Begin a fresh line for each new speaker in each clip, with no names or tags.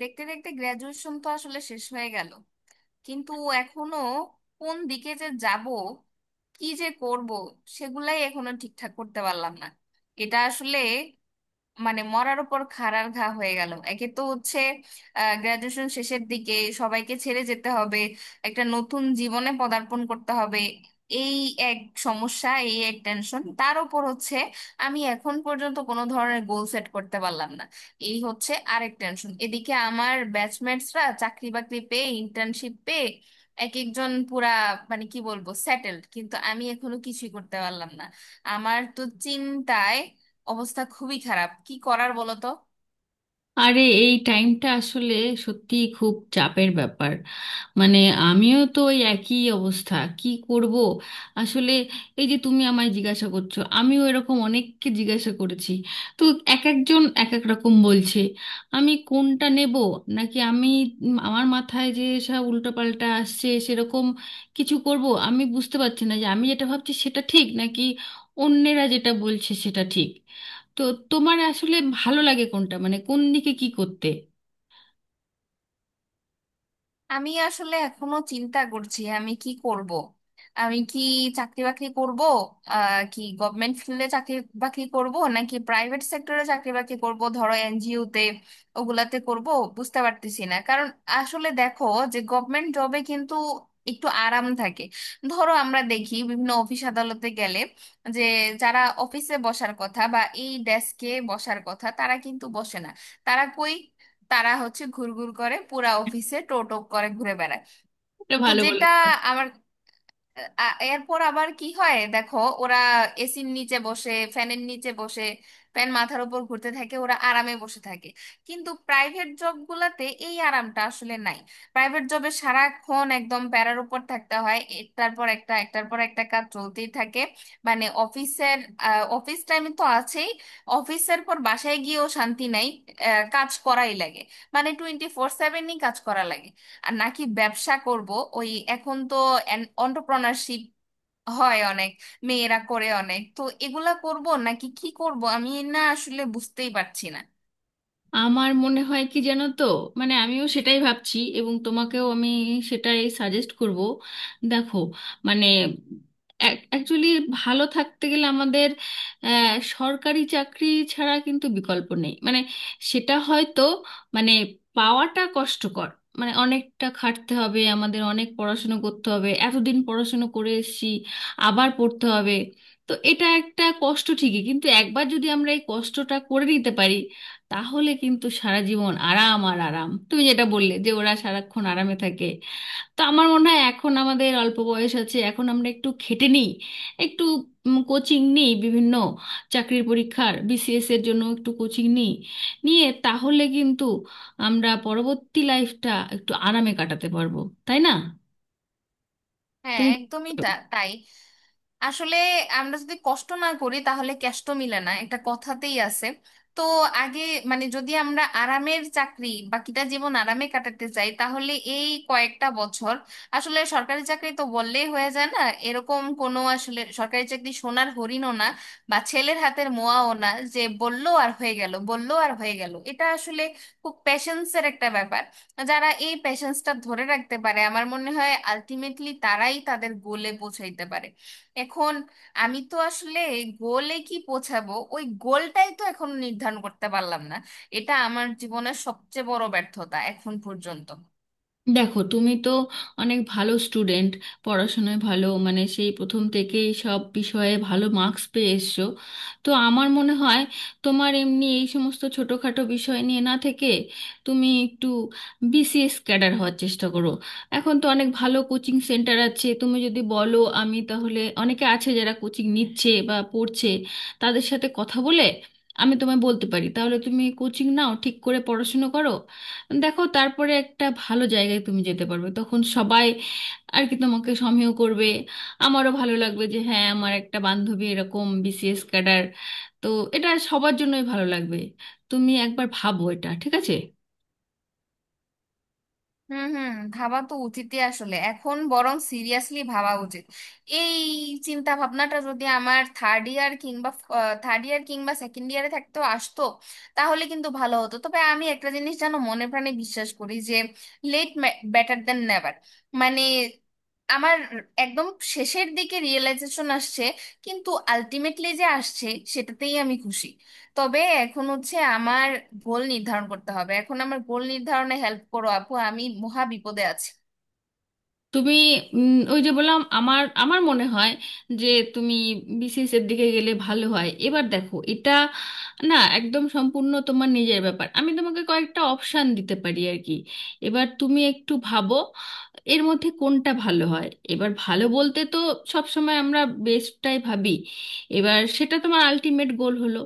দেখতে দেখতে গ্র্যাজুয়েশন তো আসলে শেষ হয়ে গেল, কিন্তু এখনো কোন দিকে যে যাব, কি যে করব সেগুলাই এখনো ঠিকঠাক করতে পারলাম না। এটা আসলে মানে মরার উপর খাড়ার ঘা হয়ে গেল। একে তো হচ্ছে গ্রাজুয়েশন শেষের দিকে সবাইকে ছেড়ে যেতে হবে, একটা নতুন জীবনে পদার্পণ করতে হবে, এই এক সমস্যা। এই এক টেনশন, তার উপর হচ্ছে আমি এখন পর্যন্ত কোনো ধরনের গোল সেট করতে পারলাম না, এই হচ্ছে আরেক টেনশন। এদিকে আমার ব্যাচমেটসরা চাকরি বাকরি পেয়ে, ইন্টার্নশিপ পেয়ে এক একজন পুরা মানে কি বলবো সেটেলড, কিন্তু আমি এখনো কিছুই করতে পারলাম না। আমার তো চিন্তায় অবস্থা খুবই খারাপ। কি করার বলো তো?
আরে এই টাইমটা আসলে সত্যি খুব চাপের ব্যাপার। মানে আমিও তো ওই একই অবস্থা, কি করব? আসলে এই যে তুমি আমায় জিজ্ঞাসা করছো, আমিও এরকম অনেককে জিজ্ঞাসা করেছি। তো এক একজন এক এক রকম বলছে, আমি কোনটা নেব? নাকি আমি আমার মাথায় যে সব উল্টোপাল্টা আসছে সেরকম কিছু করব? আমি বুঝতে পারছি না যে আমি যেটা ভাবছি সেটা ঠিক নাকি অন্যেরা যেটা বলছে সেটা ঠিক। তো তোমার আসলে ভালো লাগে কোনটা, মানে কোন দিকে কি করতে
আমি আসলে এখনো চিন্তা করছি আমি কি করব। আমি কি চাকরি বাকরি করব, কি গভর্নমেন্ট ফিল্ডে চাকরি বাকরি করব নাকি প্রাইভেট সেক্টরে চাকরি বাকরি করব, ধরো এনজিওতে ওগুলাতে করব, বুঝতে পারতেছি না। কারণ আসলে দেখো যে গভর্নমেন্ট জবে কিন্তু একটু আরাম থাকে। ধরো আমরা দেখি বিভিন্ন অফিস আদালতে গেলে যে যারা অফিসে বসার কথা বা এই ডেস্কে বসার কথা তারা কিন্তু বসে না। তারা কই? তারা হচ্ছে ঘুরঘুর করে, পুরা অফিসে টোটো করে ঘুরে বেড়ায়।
এটা
তো
ভালো বলে?
যেটা আমার এরপর আবার কি হয় দেখো, ওরা এসির নিচে বসে, ফ্যানের নিচে বসে, ফ্যান মাথার উপর ঘুরতে থাকে, ওরা আরামে বসে থাকে। কিন্তু প্রাইভেট জব গুলাতে এই আরামটা আসলে নাই। প্রাইভেট জবে সারাক্ষণ একদম প্যারার উপর থাকতে হয়, একটার পর একটা একটার পর একটা কাজ চলতেই থাকে। মানে অফিস টাইম তো আছেই, অফিসের পর বাসায় গিয়েও শান্তি নাই। কাজ করাই লাগে, মানে 24/7-ই কাজ করা লাগে। আর নাকি ব্যবসা করব? ওই এখন তো এন্টারপ্রেনারশিপ হয় অনেক, মেয়েরা করে অনেক, তো এগুলা করব নাকি কি করব, আমি না আসলে বুঝতেই পারছি না।
আমার মনে হয় কি জানো তো, মানে আমিও সেটাই ভাবছি, এবং তোমাকেও আমি সেটাই সাজেস্ট করব। দেখো, মানে অ্যাকচুয়ালি ভালো থাকতে গেলে আমাদের সরকারি চাকরি ছাড়া কিন্তু বিকল্প নেই। মানে সেটা হয়তো মানে পাওয়াটা কষ্টকর, মানে অনেকটা খাটতে হবে আমাদের, অনেক পড়াশুনো করতে হবে, এতদিন পড়াশুনো করে এসেছি আবার পড়তে হবে। তো এটা একটা কষ্ট ঠিকই, কিন্তু একবার যদি আমরা এই কষ্টটা করে নিতে পারি তাহলে কিন্তু সারা জীবন আরাম আর আরাম। তুমি যেটা বললে যে ওরা সারাক্ষণ আরামে থাকে, তো আমার মনে হয় এখন আমাদের অল্প বয়স আছে, এখন আমরা একটু খেটে নিই, একটু কোচিং নিই, বিভিন্ন চাকরির পরীক্ষার বিসিএস এর জন্য একটু কোচিং নিই। নিয়ে তাহলে কিন্তু আমরা পরবর্তী লাইফটা একটু আরামে কাটাতে পারবো, তাই না?
হ্যাঁ,
তুমি
একদমই তাই। আসলে আমরা যদি কষ্ট না করি তাহলে কষ্ট মিলে না, একটা কথাতেই আছে। তো আগে মানে যদি আমরা আরামের চাকরি, বাকিটা জীবন আরামে কাটাতে চাই তাহলে এই কয়েকটা বছর, আসলে সরকারি চাকরি তো বললেই হয়ে যায় না। এরকম কোনো আসলে সরকারি চাকরি সোনার হরিণও না বা ছেলের হাতের মোয়াও না, যে বললো আর হয়ে গেল বললো আর হয়ে গেল। এটা আসলে খুব প্যাশেন্সের একটা ব্যাপার। যারা এই প্যাশেন্সটা ধরে রাখতে পারে আমার মনে হয় আলটিমেটলি তারাই তাদের গোলে পৌঁছাইতে পারে। এখন আমি তো আসলে গোলে কি পৌঁছাবো, ওই গোলটাই তো এখন নির্ধারণ করতে পারলাম না, এটা আমার জীবনের সবচেয়ে বড় ব্যর্থতা এখন পর্যন্ত।
দেখো, তুমি তো অনেক ভালো স্টুডেন্ট, পড়াশোনায় ভালো, মানে সেই প্রথম থেকেই সব বিষয়ে ভালো মার্কস পেয়ে এসছো। তো আমার মনে হয় তোমার এমনি এই সমস্ত ছোটোখাটো বিষয় নিয়ে না থেকে তুমি একটু বিসিএস ক্যাডার হওয়ার চেষ্টা করো। এখন তো অনেক ভালো কোচিং সেন্টার আছে, তুমি যদি বলো আমি তাহলে অনেকে আছে যারা কোচিং নিচ্ছে বা পড়ছে তাদের সাথে কথা বলে আমি তোমায় বলতে পারি, তাহলে তুমি কোচিং নাও, ঠিক করে পড়াশুনো করো। দেখো তারপরে একটা ভালো জায়গায় তুমি যেতে পারবে, তখন সবাই আর কি তোমাকে সমীহ করবে। আমারও ভালো লাগবে যে হ্যাঁ আমার একটা বান্ধবী এরকম বিসিএস ক্যাডার। তো এটা সবার জন্যই ভালো লাগবে, তুমি একবার ভাবো, এটা ঠিক আছে?
হুম হুম, ভাবা তো উচিতই। আসলে এখন বরং সিরিয়াসলি ভাবা উচিত। এই চিন্তা ভাবনাটা যদি আমার থার্ড ইয়ার কিংবা সেকেন্ড ইয়ারে থাকতো আসতো তাহলে কিন্তু ভালো হতো। তবে আমি একটা জিনিস জানো মনে প্রাণে বিশ্বাস করি যে লেট বেটার দ্যান নেভার। মানে আমার একদম শেষের দিকে রিয়েলাইজেশন আসছে, কিন্তু আলটিমেটলি যে আসছে সেটাতেই আমি খুশি। তবে এখন হচ্ছে আমার গোল নির্ধারণ করতে হবে। এখন আমার গোল নির্ধারণে হেল্প করো আপু, আমি মহা বিপদে আছি।
তুমি ওই যে বললাম, আমার আমার মনে হয় যে তুমি বিসিএস এর দিকে গেলে ভালো হয়। এবার দেখো, এটা না একদম সম্পূর্ণ তোমার নিজের ব্যাপার, আমি তোমাকে কয়েকটা অপশান দিতে পারি আর কি। এবার তুমি একটু ভাবো এর মধ্যে কোনটা ভালো হয়। এবার ভালো বলতে তো সব সময় আমরা বেস্টটাই ভাবি, এবার সেটা তোমার আলটিমেট গোল হলো।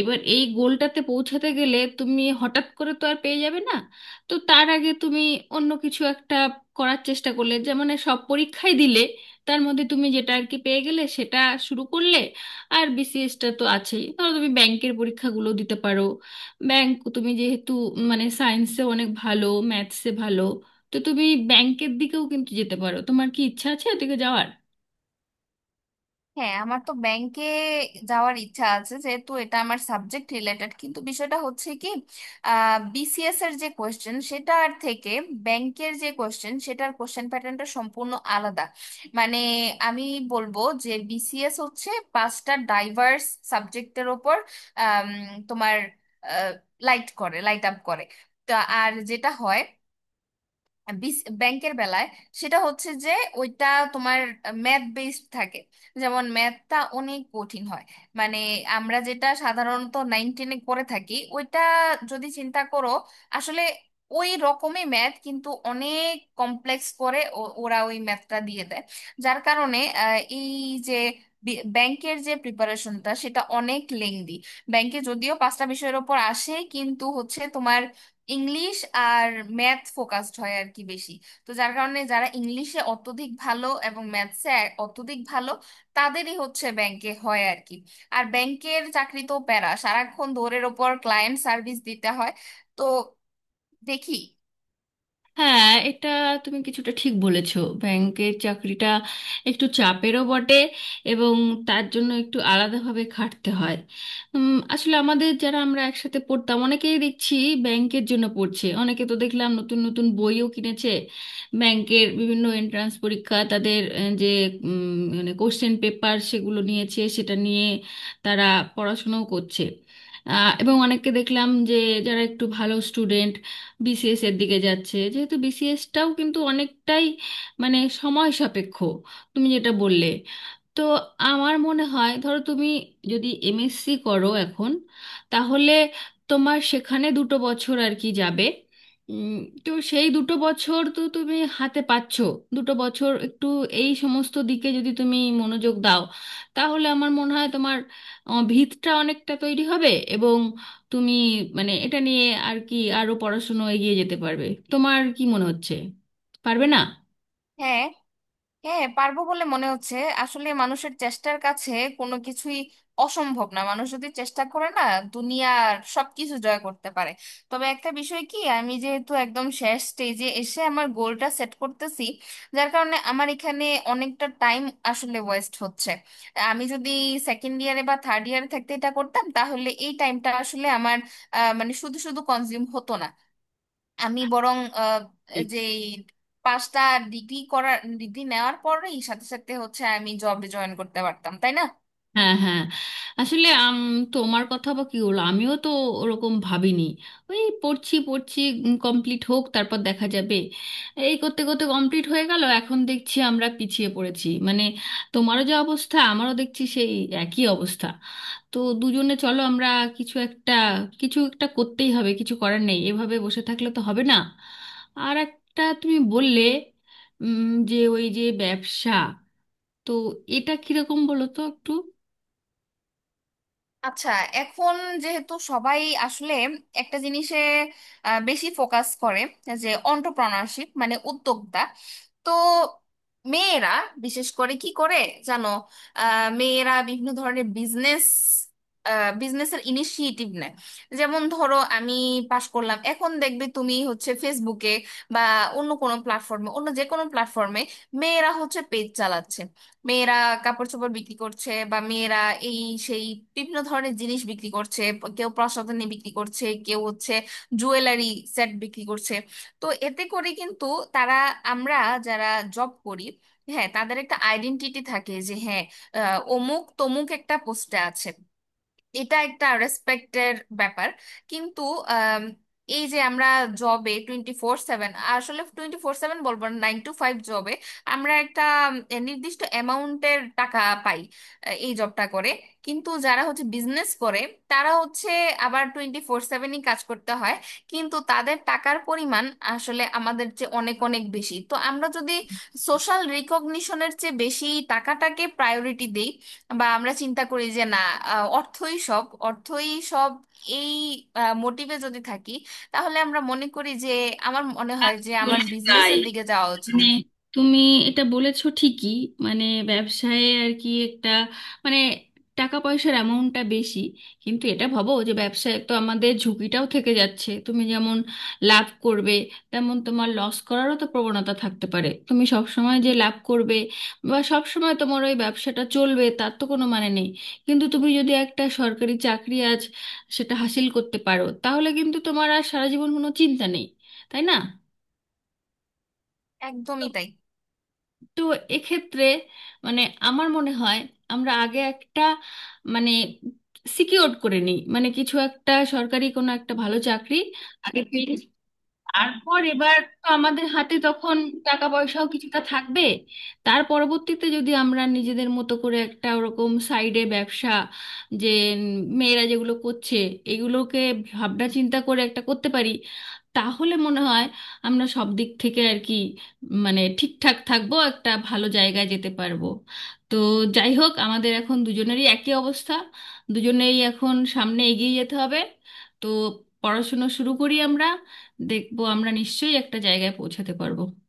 এবার এই গোলটাতে পৌঁছাতে গেলে তুমি হঠাৎ করে তো আর পেয়ে যাবে না, তো তার আগে তুমি অন্য কিছু একটা করার চেষ্টা করলে, যেমন সব পরীক্ষাই দিলে, তার মধ্যে তুমি যেটা আর কি পেয়ে গেলে সেটা শুরু করলে। আর বিসিএসটা তো আছেই। ধরো তুমি ব্যাংকের পরীক্ষাগুলো দিতে পারো, ব্যাংক তুমি যেহেতু মানে সায়েন্সে অনেক ভালো, ম্যাথসে ভালো, তো তুমি ব্যাংকের দিকেও কিন্তু যেতে পারো। তোমার কি ইচ্ছা আছে ওদিকে যাওয়ার?
হ্যাঁ, আমার তো ব্যাংকে যাওয়ার ইচ্ছা আছে যেহেতু এটা আমার সাবজেক্ট রিলেটেড, কিন্তু বিষয়টা হচ্ছে কি, বিসিএস এর যে কোয়েশ্চেন সেটার থেকে ব্যাংকের যে কোয়েশ্চেন সেটার কোয়েশ্চেন প্যাটার্নটা সম্পূর্ণ আলাদা। মানে আমি বলবো যে বিসিএস হচ্ছে পাঁচটা ডাইভার্স সাবজেক্টের ওপর আম, তোমার লাইট করে লাইট আপ করে তা। আর যেটা হয় ব্যাংকের বেলায় সেটা হচ্ছে যে ওইটা তোমার ম্যাথ বেসড থাকে। যেমন ম্যাথটা অনেক কঠিন হয় মানে আমরা যেটা সাধারণত 9-10-এ করে থাকি ওইটা যদি চিন্তা করো, আসলে ওই রকমই ম্যাথ কিন্তু অনেক কমপ্লেক্স করে ওরা ওই ম্যাথটা দিয়ে দেয়। যার কারণে এই যে ব্যাংকের যে প্রিপারেশনটা সেটা অনেক লেংদি। ব্যাংকে যদিও পাঁচটা বিষয়ের ওপর আসে কিন্তু হচ্ছে তোমার ইংলিশ আর ম্যাথ ফোকাসড হয় আর কি বেশি। তো যার কারণে যারা ইংলিশে অত্যধিক ভালো এবং ম্যাথসে অত্যধিক ভালো তাদেরই হচ্ছে ব্যাংকে হয় আর কি। আর ব্যাংকের চাকরি তো প্যারা, সারাক্ষণ দৌড়ের ওপর, ক্লায়েন্ট সার্ভিস দিতে হয়। তো দেখি।
হ্যাঁ, এটা তুমি কিছুটা ঠিক বলেছো, ব্যাংকের চাকরিটা একটু চাপেরও বটে এবং তার জন্য একটু আলাদাভাবে খাটতে হয়। আসলে আমাদের যারা আমরা একসাথে পড়তাম অনেকেই দেখছি ব্যাংকের জন্য পড়ছে, অনেকে তো দেখলাম নতুন নতুন বইও কিনেছে, ব্যাংকের বিভিন্ন এন্ট্রান্স পরীক্ষা তাদের যে মানে কোশ্চেন পেপার সেগুলো নিয়েছে, সেটা নিয়ে তারা পড়াশোনাও করছে। এবং অনেককে দেখলাম যে যারা একটু ভালো স্টুডেন্ট বিসিএস এর দিকে যাচ্ছে, যেহেতু বিসিএসটাও কিন্তু অনেকটাই মানে সময় সাপেক্ষ, তুমি যেটা বললে। তো আমার মনে হয় ধরো তুমি যদি এমএসসি করো এখন, তাহলে তোমার সেখানে দুটো বছর আর কি যাবে, উম, তো সেই দুটো বছর তো তুমি হাতে পাচ্ছো, দুটো বছর একটু এই সমস্ত দিকে যদি তুমি মনোযোগ দাও তাহলে আমার মনে হয় তোমার ভিতটা অনেকটা তৈরি হবে, এবং তুমি মানে এটা নিয়ে আর কি আরো পড়াশুনো এগিয়ে যেতে পারবে। তোমার কি মনে হচ্ছে, পারবে না?
হ্যাঁ হ্যাঁ, পারবো বলে মনে হচ্ছে। আসলে মানুষের চেষ্টার কাছে কোনো কিছুই অসম্ভব না, মানুষ যদি চেষ্টা করে না দুনিয়ার সবকিছু জয় করতে পারে। তবে একটা বিষয় কি, আমি যেহেতু একদম শেষ স্টেজে এসে আমার গোলটা সেট করতেছি, যার কারণে আমার এখানে অনেকটা টাইম আসলে ওয়েস্ট হচ্ছে। আমি যদি সেকেন্ড ইয়ারে বা থার্ড ইয়ারে থাকতে এটা করতাম তাহলে এই টাইমটা আসলে আমার মানে শুধু শুধু কনজিউম হতো না। আমি বরং
ঠিক।
যে পাঁচটা ডিগ্রি নেওয়ার পরেই সাথে সাথে হচ্ছে আমি জবে জয়েন করতে পারতাম, তাই না?
হ্যাঁ হ্যাঁ, আসলে তোমার কথা বা কি হলো, আমিও তো ওরকম ভাবিনি, ওই পড়ছি পড়ছি কমপ্লিট হোক তারপর দেখা যাবে, এই করতে করতে কমপ্লিট হয়ে গেল, এখন দেখছি আমরা পিছিয়ে পড়েছি। মানে তোমারও যে অবস্থা আমারও দেখছি সেই একই অবস্থা। তো দুজনে চলো আমরা কিছু একটা, কিছু একটা করতেই হবে, কিছু করার নেই এভাবে বসে থাকলে তো হবে না। আর একটা তুমি বললে উম, যে ওই যে ব্যবসা, তো এটা কিরকম বলো তো একটু।
আচ্ছা, এখন যেহেতু সবাই আসলে একটা জিনিসে বেশি ফোকাস করে যে অন্টারপ্রেনারশিপ মানে উদ্যোক্তা, তো মেয়েরা বিশেষ করে কি করে জানো, মেয়েরা বিভিন্ন ধরনের বিজনেসের ইনিশিয়েটিভ নেয়। যেমন ধরো আমি পাশ করলাম, এখন দেখবে তুমি হচ্ছে ফেসবুকে বা অন্য কোনো প্ল্যাটফর্মে, অন্য যে কোনো প্ল্যাটফর্মে মেয়েরা হচ্ছে পেজ চালাচ্ছে, মেয়েরা কাপড় চোপড় বিক্রি করছে, বা মেয়েরা এই সেই বিভিন্ন ধরনের জিনিস বিক্রি করছে। কেউ প্রসাধনী বিক্রি করছে, কেউ হচ্ছে জুয়েলারি সেট বিক্রি করছে। তো এতে করে কিন্তু তারা, আমরা যারা জব করি, হ্যাঁ তাদের একটা আইডেন্টিটি থাকে যে হ্যাঁ অমুক তমুক একটা পোস্টে আছে, এটা একটা রেসপেক্টের ব্যাপার। কিন্তু আম, এই যে আমরা জবে 24/7, আসলে 24/7 বলবো না, 9 to 5 জবে আমরা একটা নির্দিষ্ট অ্যামাউন্টের টাকা পাই এই জবটা করে। কিন্তু যারা হচ্ছে বিজনেস করে তারা হচ্ছে আবার 24/7-ই কাজ করতে হয়, কিন্তু তাদের টাকার পরিমাণ আসলে আমাদের চেয়ে অনেক অনেক বেশি। তো আমরা যদি সোশ্যাল রিকগনিশনের চেয়ে বেশি টাকাটাকে প্রায়োরিটি দিই, বা আমরা চিন্তা করি যে না অর্থই সব, অর্থই সব, এই মোটিভে যদি থাকি তাহলে আমরা মনে করি যে আমার মনে হয় যে
আসলে
আমার
তাই,
বিজনেসের দিকে যাওয়া উচিত।
মানে তুমি এটা বলেছো ঠিকই, মানে ব্যবসায় আর কি একটা মানে টাকা পয়সার অ্যামাউন্টটা বেশি, কিন্তু এটা ভাবো যে ব্যবসায় তো আমাদের ঝুঁকিটাও থেকে যাচ্ছে। তুমি যেমন লাভ করবে, তেমন তোমার লস করারও তো প্রবণতা থাকতে পারে। তুমি সব সময় যে লাভ করবে বা সব সময় তোমার ওই ব্যবসাটা চলবে তার তো কোনো মানে নেই। কিন্তু তুমি যদি একটা সরকারি চাকরি আজ সেটা হাসিল করতে পারো তাহলে কিন্তু তোমার আর সারা জীবন কোনো চিন্তা নেই, তাই না?
একদমই তাই।
তো এক্ষেত্রে মানে আমার মনে হয় আমরা আগে একটা মানে সিকিওর করে নিই, মানে কিছু একটা সরকারি কোনো একটা ভালো চাকরি আগে, তারপর এবার তো আমাদের হাতে তখন টাকা পয়সাও কিছুটা থাকবে, তার পরবর্তীতে যদি আমরা নিজেদের মতো করে একটা ওরকম সাইডে ব্যবসা যে উম, মেয়েরা যেগুলো করছে এগুলোকে ভাবনা চিন্তা করে একটা করতে পারি, তাহলে মনে হয় আমরা সব দিক থেকে আর কি মানে ঠিকঠাক থাকবো, একটা ভালো জায়গায় যেতে পারবো। তো যাই হোক, আমাদের এখন দুজনেরই একই অবস্থা, দুজনেই এখন সামনে এগিয়ে যেতে হবে। তো পড়াশুনো শুরু করি আমরা, দেখবো আমরা নিশ্চয়ই একটা জায়গায় পৌঁছাতে পারবো।